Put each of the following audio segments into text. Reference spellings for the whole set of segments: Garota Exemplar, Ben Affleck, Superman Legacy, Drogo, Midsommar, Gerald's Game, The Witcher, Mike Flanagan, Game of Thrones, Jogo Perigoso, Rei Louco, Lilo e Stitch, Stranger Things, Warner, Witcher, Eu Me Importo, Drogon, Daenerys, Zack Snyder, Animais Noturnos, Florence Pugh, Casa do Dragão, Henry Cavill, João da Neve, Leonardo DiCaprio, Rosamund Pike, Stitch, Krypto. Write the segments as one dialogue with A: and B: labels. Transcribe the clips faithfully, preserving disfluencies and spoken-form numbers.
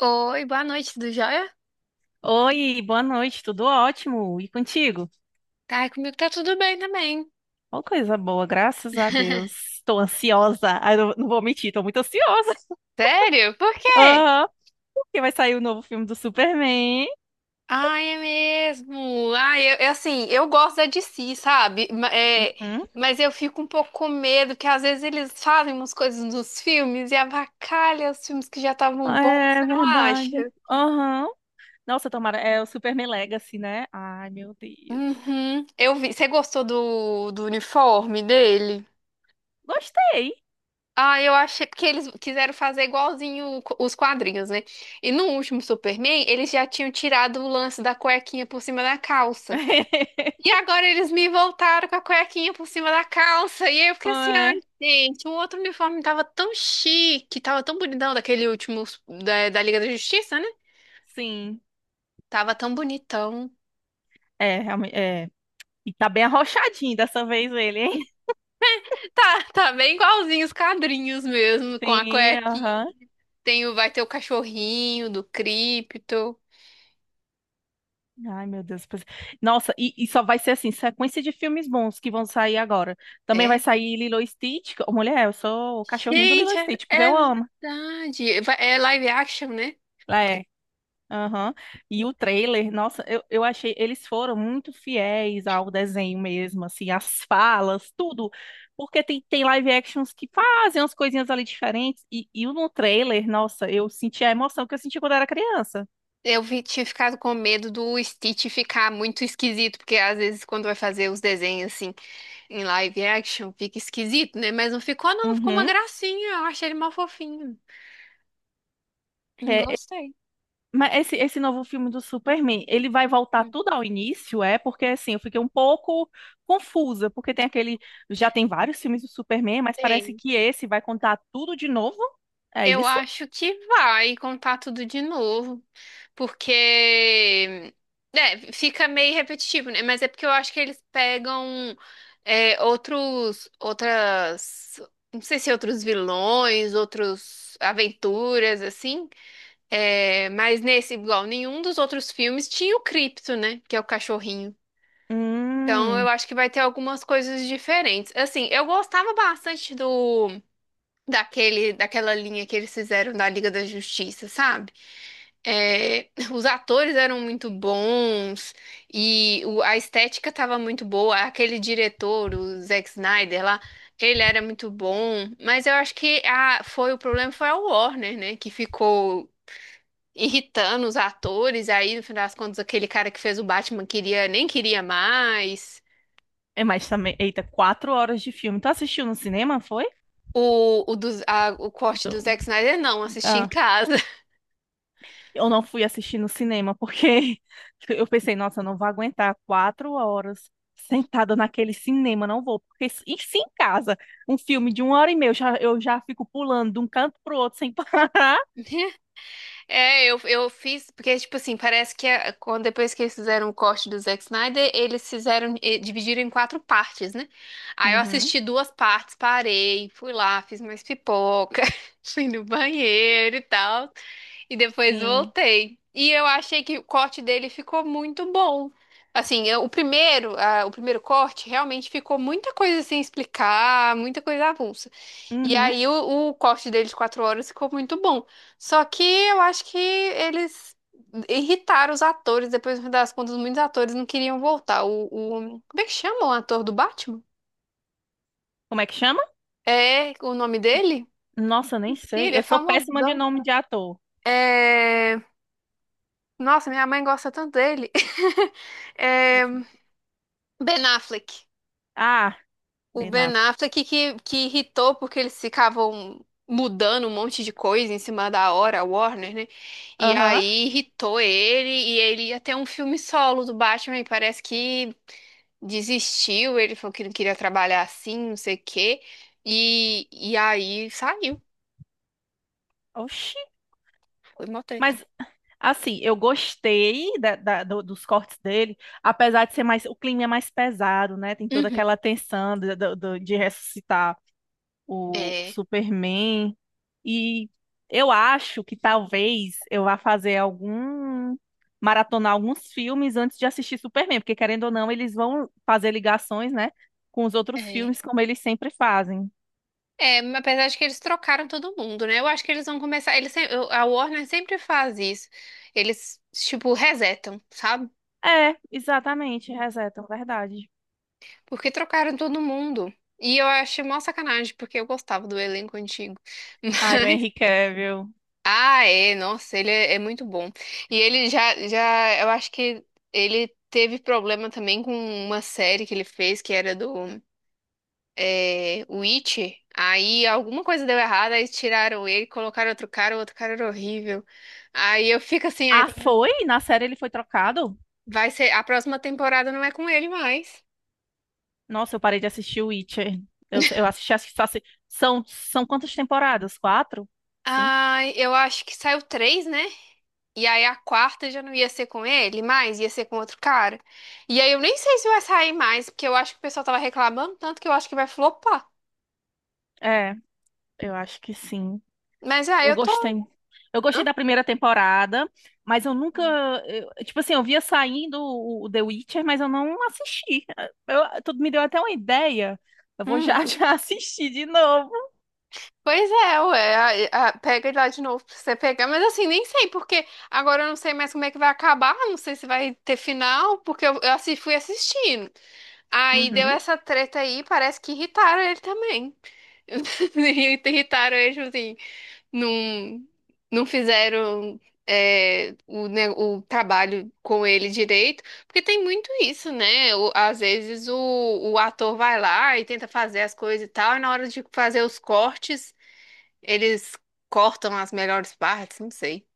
A: Oi, boa noite, tudo jóia?
B: Oi, boa noite, tudo ótimo? E contigo?
A: Ai, comigo tá tudo bem também.
B: Ó, coisa boa, graças a Deus. Tô ansiosa. Ah, não, não vou mentir, tô muito ansiosa.
A: Sério? Por quê?
B: Aham, porque vai sair o novo filme do Superman.
A: Ai, é mesmo. Ai, eu, eu, assim, eu gosto da D C, sabe? Ma- é,
B: Uhum.
A: mas eu fico um pouco com medo, que às vezes eles fazem umas coisas nos filmes e avacalha os filmes que já estavam bons, você
B: É
A: não
B: verdade.
A: acha?
B: Aham. Nossa, tomara. É o Superman Legacy, né? Ai, meu Deus.
A: Uhum. Eu vi. Você gostou do, do uniforme dele?
B: Gostei.
A: Ah, eu achei porque eles quiseram fazer igualzinho o co- os quadrinhos, né? E no último Superman, eles já tinham tirado o lance da cuequinha por cima da calça. E agora eles me voltaram com a cuequinha por cima da calça. E aí eu fiquei assim, ai,
B: É,
A: gente, o outro uniforme tava tão chique, tava tão bonitão daquele último da, da Liga da Justiça, né?
B: sim.
A: Tava tão bonitão.
B: É, realmente. É. E tá bem arrochadinho dessa vez ele, hein?
A: Tá, tá bem igualzinho os quadrinhos mesmo, com a
B: Sim,
A: cuequinha.
B: aham.
A: Tem o, vai ter o cachorrinho do Krypto.
B: Ai, meu Deus. pois- Nossa, e, e só vai ser assim, sequência de filmes bons que vão sair agora. Também vai sair Lilo e Stitch. Ô, Mulher, eu sou o cachorrinho do Lilo e
A: Gente, é,
B: Stitch, porque
A: é
B: eu amo.
A: verdade. Va- É live action, né?
B: É. Aham. E o trailer, nossa, eu, eu achei, eles foram muito fiéis ao desenho mesmo, assim, as falas, tudo. Porque tem, tem live actions que fazem umas coisinhas ali diferentes. E, e no trailer, nossa, eu senti a emoção que eu senti quando era criança.
A: Eu vi- tinha ficado com medo do Stitch ficar muito esquisito, porque às vezes quando vai fazer os desenhos assim em live action, fica esquisito, né? Mas não ficou, não, ficou uma
B: Uhum.
A: gracinha. Eu achei ele mal fofinho.
B: É,
A: Gostei.
B: mas esse, esse novo filme do Superman, ele vai voltar
A: Hum.
B: tudo ao início, é? Porque assim, eu fiquei um pouco confusa, porque tem aquele, já tem vários filmes do Superman, mas parece
A: Tem.
B: que esse vai contar tudo de novo. É
A: Eu
B: isso?
A: acho que vai contar tudo de novo. Porque, né, fica meio repetitivo, né? Mas é porque eu acho que eles pegam é, outros, outras, não sei se outros vilões, outros aventuras, assim. É, mas nesse, igual, nenhum dos outros filmes tinha o Cripto, né? Que é o cachorrinho. Então eu
B: Hum.
A: acho que vai ter algumas coisas diferentes. Assim, eu gostava bastante do daquele, daquela linha que eles fizeram da Liga da Justiça, sabe? É, os atores eram muito bons e o- a estética estava muito boa. Aquele diretor, o Zack Snyder lá, ele era muito bom. Mas eu acho que a, foi o problema foi a Warner, né? Que ficou irritando os atores. Aí, no final das contas, aquele cara que fez o Batman queria nem queria mais.
B: É, mas também, eita, quatro horas de filme. Tu assistiu no cinema, foi?
A: O, o, dos- a- o corte
B: Então,
A: do Zack Snyder, não, assisti em casa.
B: eu não fui assistir no cinema porque eu pensei, nossa, eu não vou aguentar quatro horas sentada naquele cinema, não vou. Porque se- e se em casa, um filme de uma hora e meia, eu já, eu já fico pulando de um canto pro outro sem parar.
A: É, eu, eu fiz, porque, tipo assim, parece que a- quando, depois que eles fizeram o corte do Zack Snyder, eles fizeram, eh, dividiram em quatro partes, né? Aí eu
B: Uhum,
A: assisti duas partes, parei, fui lá, fiz mais pipoca, fui no banheiro e tal, e depois
B: sim.
A: voltei. E eu achei que o corte dele ficou muito bom. Assim, eu- o primeiro, ah, o primeiro corte realmente ficou muita coisa sem explicar, muita coisa avulsa. E
B: Uhum.
A: aí o, o corte deles de quatro horas ficou muito bom. Só que eu acho que eles irritaram os atores. Depois, no fim das contas, muitos atores não queriam voltar. O, o- como é que chama o ator do Batman?
B: Como é que chama?
A: É o nome dele?
B: Nossa, eu nem
A: Esqueci,
B: sei.
A: ele é
B: Eu sou péssima de
A: famosão.
B: nome de ator.
A: É... Nossa, minha mãe gosta tanto dele. É... Ben Affleck.
B: Ah,
A: O
B: Ben
A: Ben
B: Affleck.
A: Affleck que, que irritou porque eles ficavam mudando um monte de coisa em cima da hora, a Warner, né? E
B: Aham.
A: aí irritou ele e ele ia ter um filme solo do Batman e parece que desistiu, ele falou que não queria trabalhar assim, não sei o quê. E, e aí saiu,
B: Oxi.
A: foi mó treta.
B: Mas assim, eu gostei da- da- do- dos cortes dele, apesar de ser mais, o clima é mais pesado, né? Tem toda
A: Uhum.
B: aquela tensão de, do- do- de ressuscitar o, o
A: É,
B: Superman. E eu acho que talvez eu vá fazer algum, maratonar alguns filmes antes de assistir Superman, porque querendo ou não, eles vão fazer ligações, né, com os outros
A: é.
B: filmes, como eles sempre fazem.
A: É, mas apesar de que eles trocaram todo mundo, né? Eu acho que eles vão começar. Eles, sem- eu- A Warner sempre faz isso. Eles, tipo, resetam, sabe?
B: É, exatamente, resetam, verdade.
A: Porque trocaram todo mundo. E eu achei mó sacanagem, porque eu gostava do elenco antigo.
B: Ai, o Henry Cavill.
A: Ah, é, nossa, ele é, é muito bom. E ele já, já, eu acho que ele teve problema também com uma série que ele fez, que era do é, Witcher. Aí alguma coisa deu errado, aí tiraram ele, colocaram outro cara, o outro cara era horrível. Aí eu fico assim, ah,
B: Ah,
A: então
B: foi? Na série ele foi trocado?
A: vai ser, a próxima temporada não é com ele mais.
B: Nossa, eu parei de assistir o Witcher. Eu, eu assisti, assisti, assi- são, são quantas temporadas? Quatro? Cinco?
A: Ah, eu acho que saiu três, né? E aí a quarta já não ia ser com ele mais, ia ser com outro cara. E aí eu nem sei se vai sair mais, porque eu acho que o pessoal tava reclamando tanto que eu acho que vai flopar.
B: É, eu acho que sim.
A: Mas aí
B: Eu
A: eu tô.
B: gostei. Eu gostei
A: Hã?
B: da primeira temporada, mas eu nunca. Eu- tipo assim, eu via saindo o, o The Witcher, mas eu não assisti. Eu, tudo me deu até uma ideia. Eu vou
A: Hum.
B: já já assistir de novo.
A: Pois é, ué, a- a- pega ele lá de novo pra você pegar, mas assim, nem sei, porque agora eu não sei mais como é que vai acabar, não sei se vai ter final, porque eu, eu assi- fui assistindo. Aí deu
B: Uhum.
A: essa treta aí, parece que irritaram ele também. Irritaram ele, tipo assim. Não, não fizeram é, o, ne- o trabalho com ele direito, porque tem muito isso, né? O- às vezes o, o ator vai lá e tenta fazer as coisas e tal, e na hora de fazer os cortes, eles cortam as melhores partes, não sei.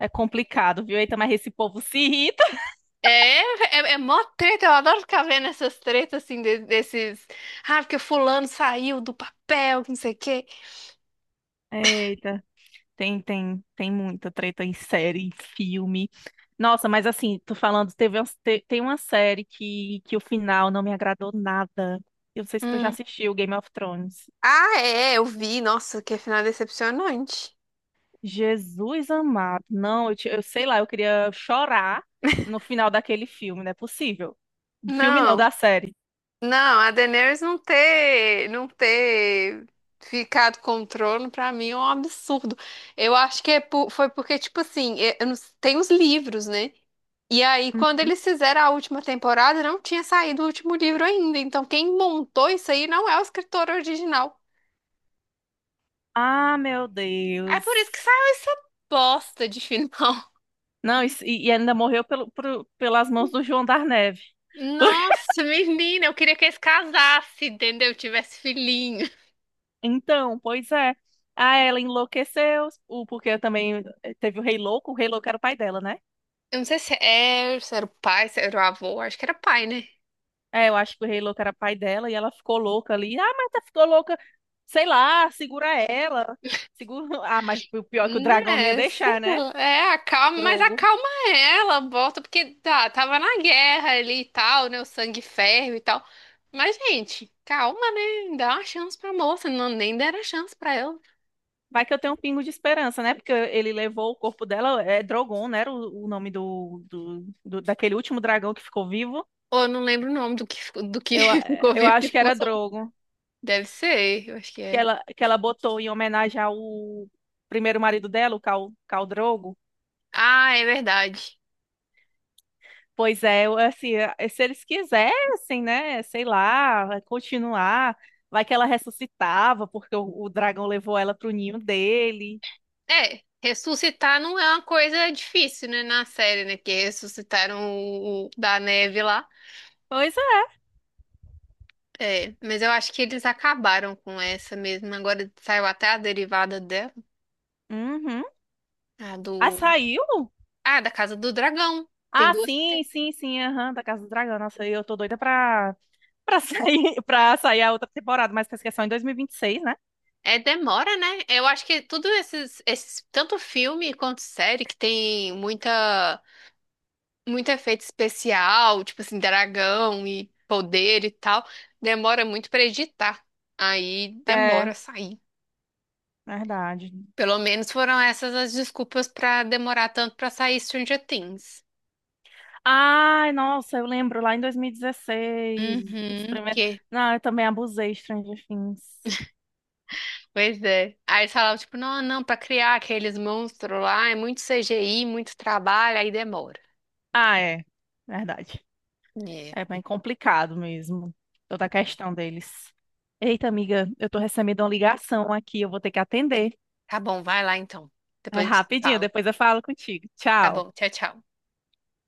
B: É complicado, viu? Eita, mas esse povo se irrita.
A: É, é, é mó treta, eu adoro ficar vendo essas tretas assim, de- desses. Ah, porque fulano saiu do papel, que não sei o quê.
B: Eita. Tem, tem, tem muita treta em série, em filme. Nossa, mas assim, tô falando, teve, umas- te- tem uma série que, que o final não me agradou nada. Eu não sei se tu já
A: Hum.
B: assistiu Game of Thrones.
A: Ah, é, eu vi, nossa, que é final decepcionante.
B: Jesus amado. Não, eu, te- eu sei lá, eu queria chorar no final daquele filme, não é possível. Do filme não,
A: Não.
B: da série.
A: Não, a Daenerys não ter, não ter ficado com o trono, pra mim é um absurdo. Eu acho que é por- foi porque, tipo assim, é- eu não- tem os livros, né? E aí, quando eles fizeram a última temporada, não tinha saído o último livro ainda. Então, quem montou isso aí não é o escritor original.
B: Ah, meu
A: É
B: Deus.
A: por isso que saiu essa bosta de final.
B: Não, isso- E, e ainda morreu pelo, pro- pelas mãos do João da Neve.
A: Nossa, menina, eu queria que eles casassem, entendeu? Tivesse filhinho.
B: Então, pois é. Ah, ela enlouqueceu, o- porque também eh, teve o Rei Louco, o Rei Louco era o pai dela, né?
A: Eu não sei se era, se era o pai, se era o avô, acho que era pai, né?
B: É, eu acho que o Rei Louco era pai dela e ela ficou louca ali. Ah, mas tá ficou louca, sei lá, segura ela. Segura... Ah, mas o pior é que o dragão não ia
A: Né, sei
B: deixar, né?
A: lá, é, acalma, mas
B: Drogo.
A: acalma ela, bota, porque tá, tava na guerra ali e tal, né, o sangue ferve e tal, mas gente, calma, né, dá uma chance pra moça, não, nem deram chance pra ela,
B: Vai que eu tenho um pingo de esperança, né? Porque ele levou o corpo dela, é Drogon, né? Era o, o nome do, do, do- daquele último dragão que ficou vivo.
A: ou eu não lembro o nome do que, ficou- do que
B: Eu, eh,
A: ficou
B: eu
A: vivo, que
B: acho que
A: ficou
B: era
A: só, um.
B: Drogo.
A: Deve ser, eu acho que
B: Que
A: é,
B: ela, que ela botou em homenagem ao primeiro marido dela, o Cal, Cal Drogo.
A: ah, é verdade,
B: Pois é, eu, assim, eh, se eles quisessem, né, sei lá, vai continuar, vai que ela ressuscitava, porque o, o dragão levou ela pro ninho dele.
A: é, ressuscitar não é uma coisa difícil, né, na série, né, que ressuscitaram o o da neve lá,
B: Pois é.
A: É, mas eu acho que eles acabaram com essa mesmo. Agora saiu até a derivada dela,
B: Uhum.
A: a
B: Ah,
A: do,
B: saiu?
A: ah, da Casa do Dragão. Tem
B: Ah,
A: duas.
B: sim, sim, sim, aham, da Casa do Dragão. Nossa, eu tô doida pra, pra sair, pra sair a outra temporada, mas parece que é só em dois mil e vinte e seis, né?
A: É, demora, né? Eu acho que tudo esses, esses, tanto filme quanto série que tem muita, muito efeito especial, tipo assim, dragão e poder e tal, demora muito pra editar. Aí demora a
B: É,
A: sair.
B: verdade.
A: Pelo menos foram essas as desculpas pra demorar tanto pra sair Stranger Things.
B: Ai, nossa, eu lembro lá em dois mil e dezesseis, os
A: Uhum,
B: primeiros...
A: que
B: Não, eu também abusei de Stranger Things.
A: Pois é. Aí eles falavam, tipo, não, não, pra criar aqueles monstros lá é muito C G I, muito trabalho, aí demora.
B: Ah, é. Verdade.
A: É.
B: É bem complicado mesmo, toda a questão deles. Eita, amiga, eu tô recebendo uma ligação aqui, eu vou ter que atender.
A: Tá bom, vai lá então.
B: É
A: Depois a gente se
B: rapidinho,
A: fala.
B: depois eu falo contigo.
A: Tá
B: Tchau.
A: bom, tchau, tchau.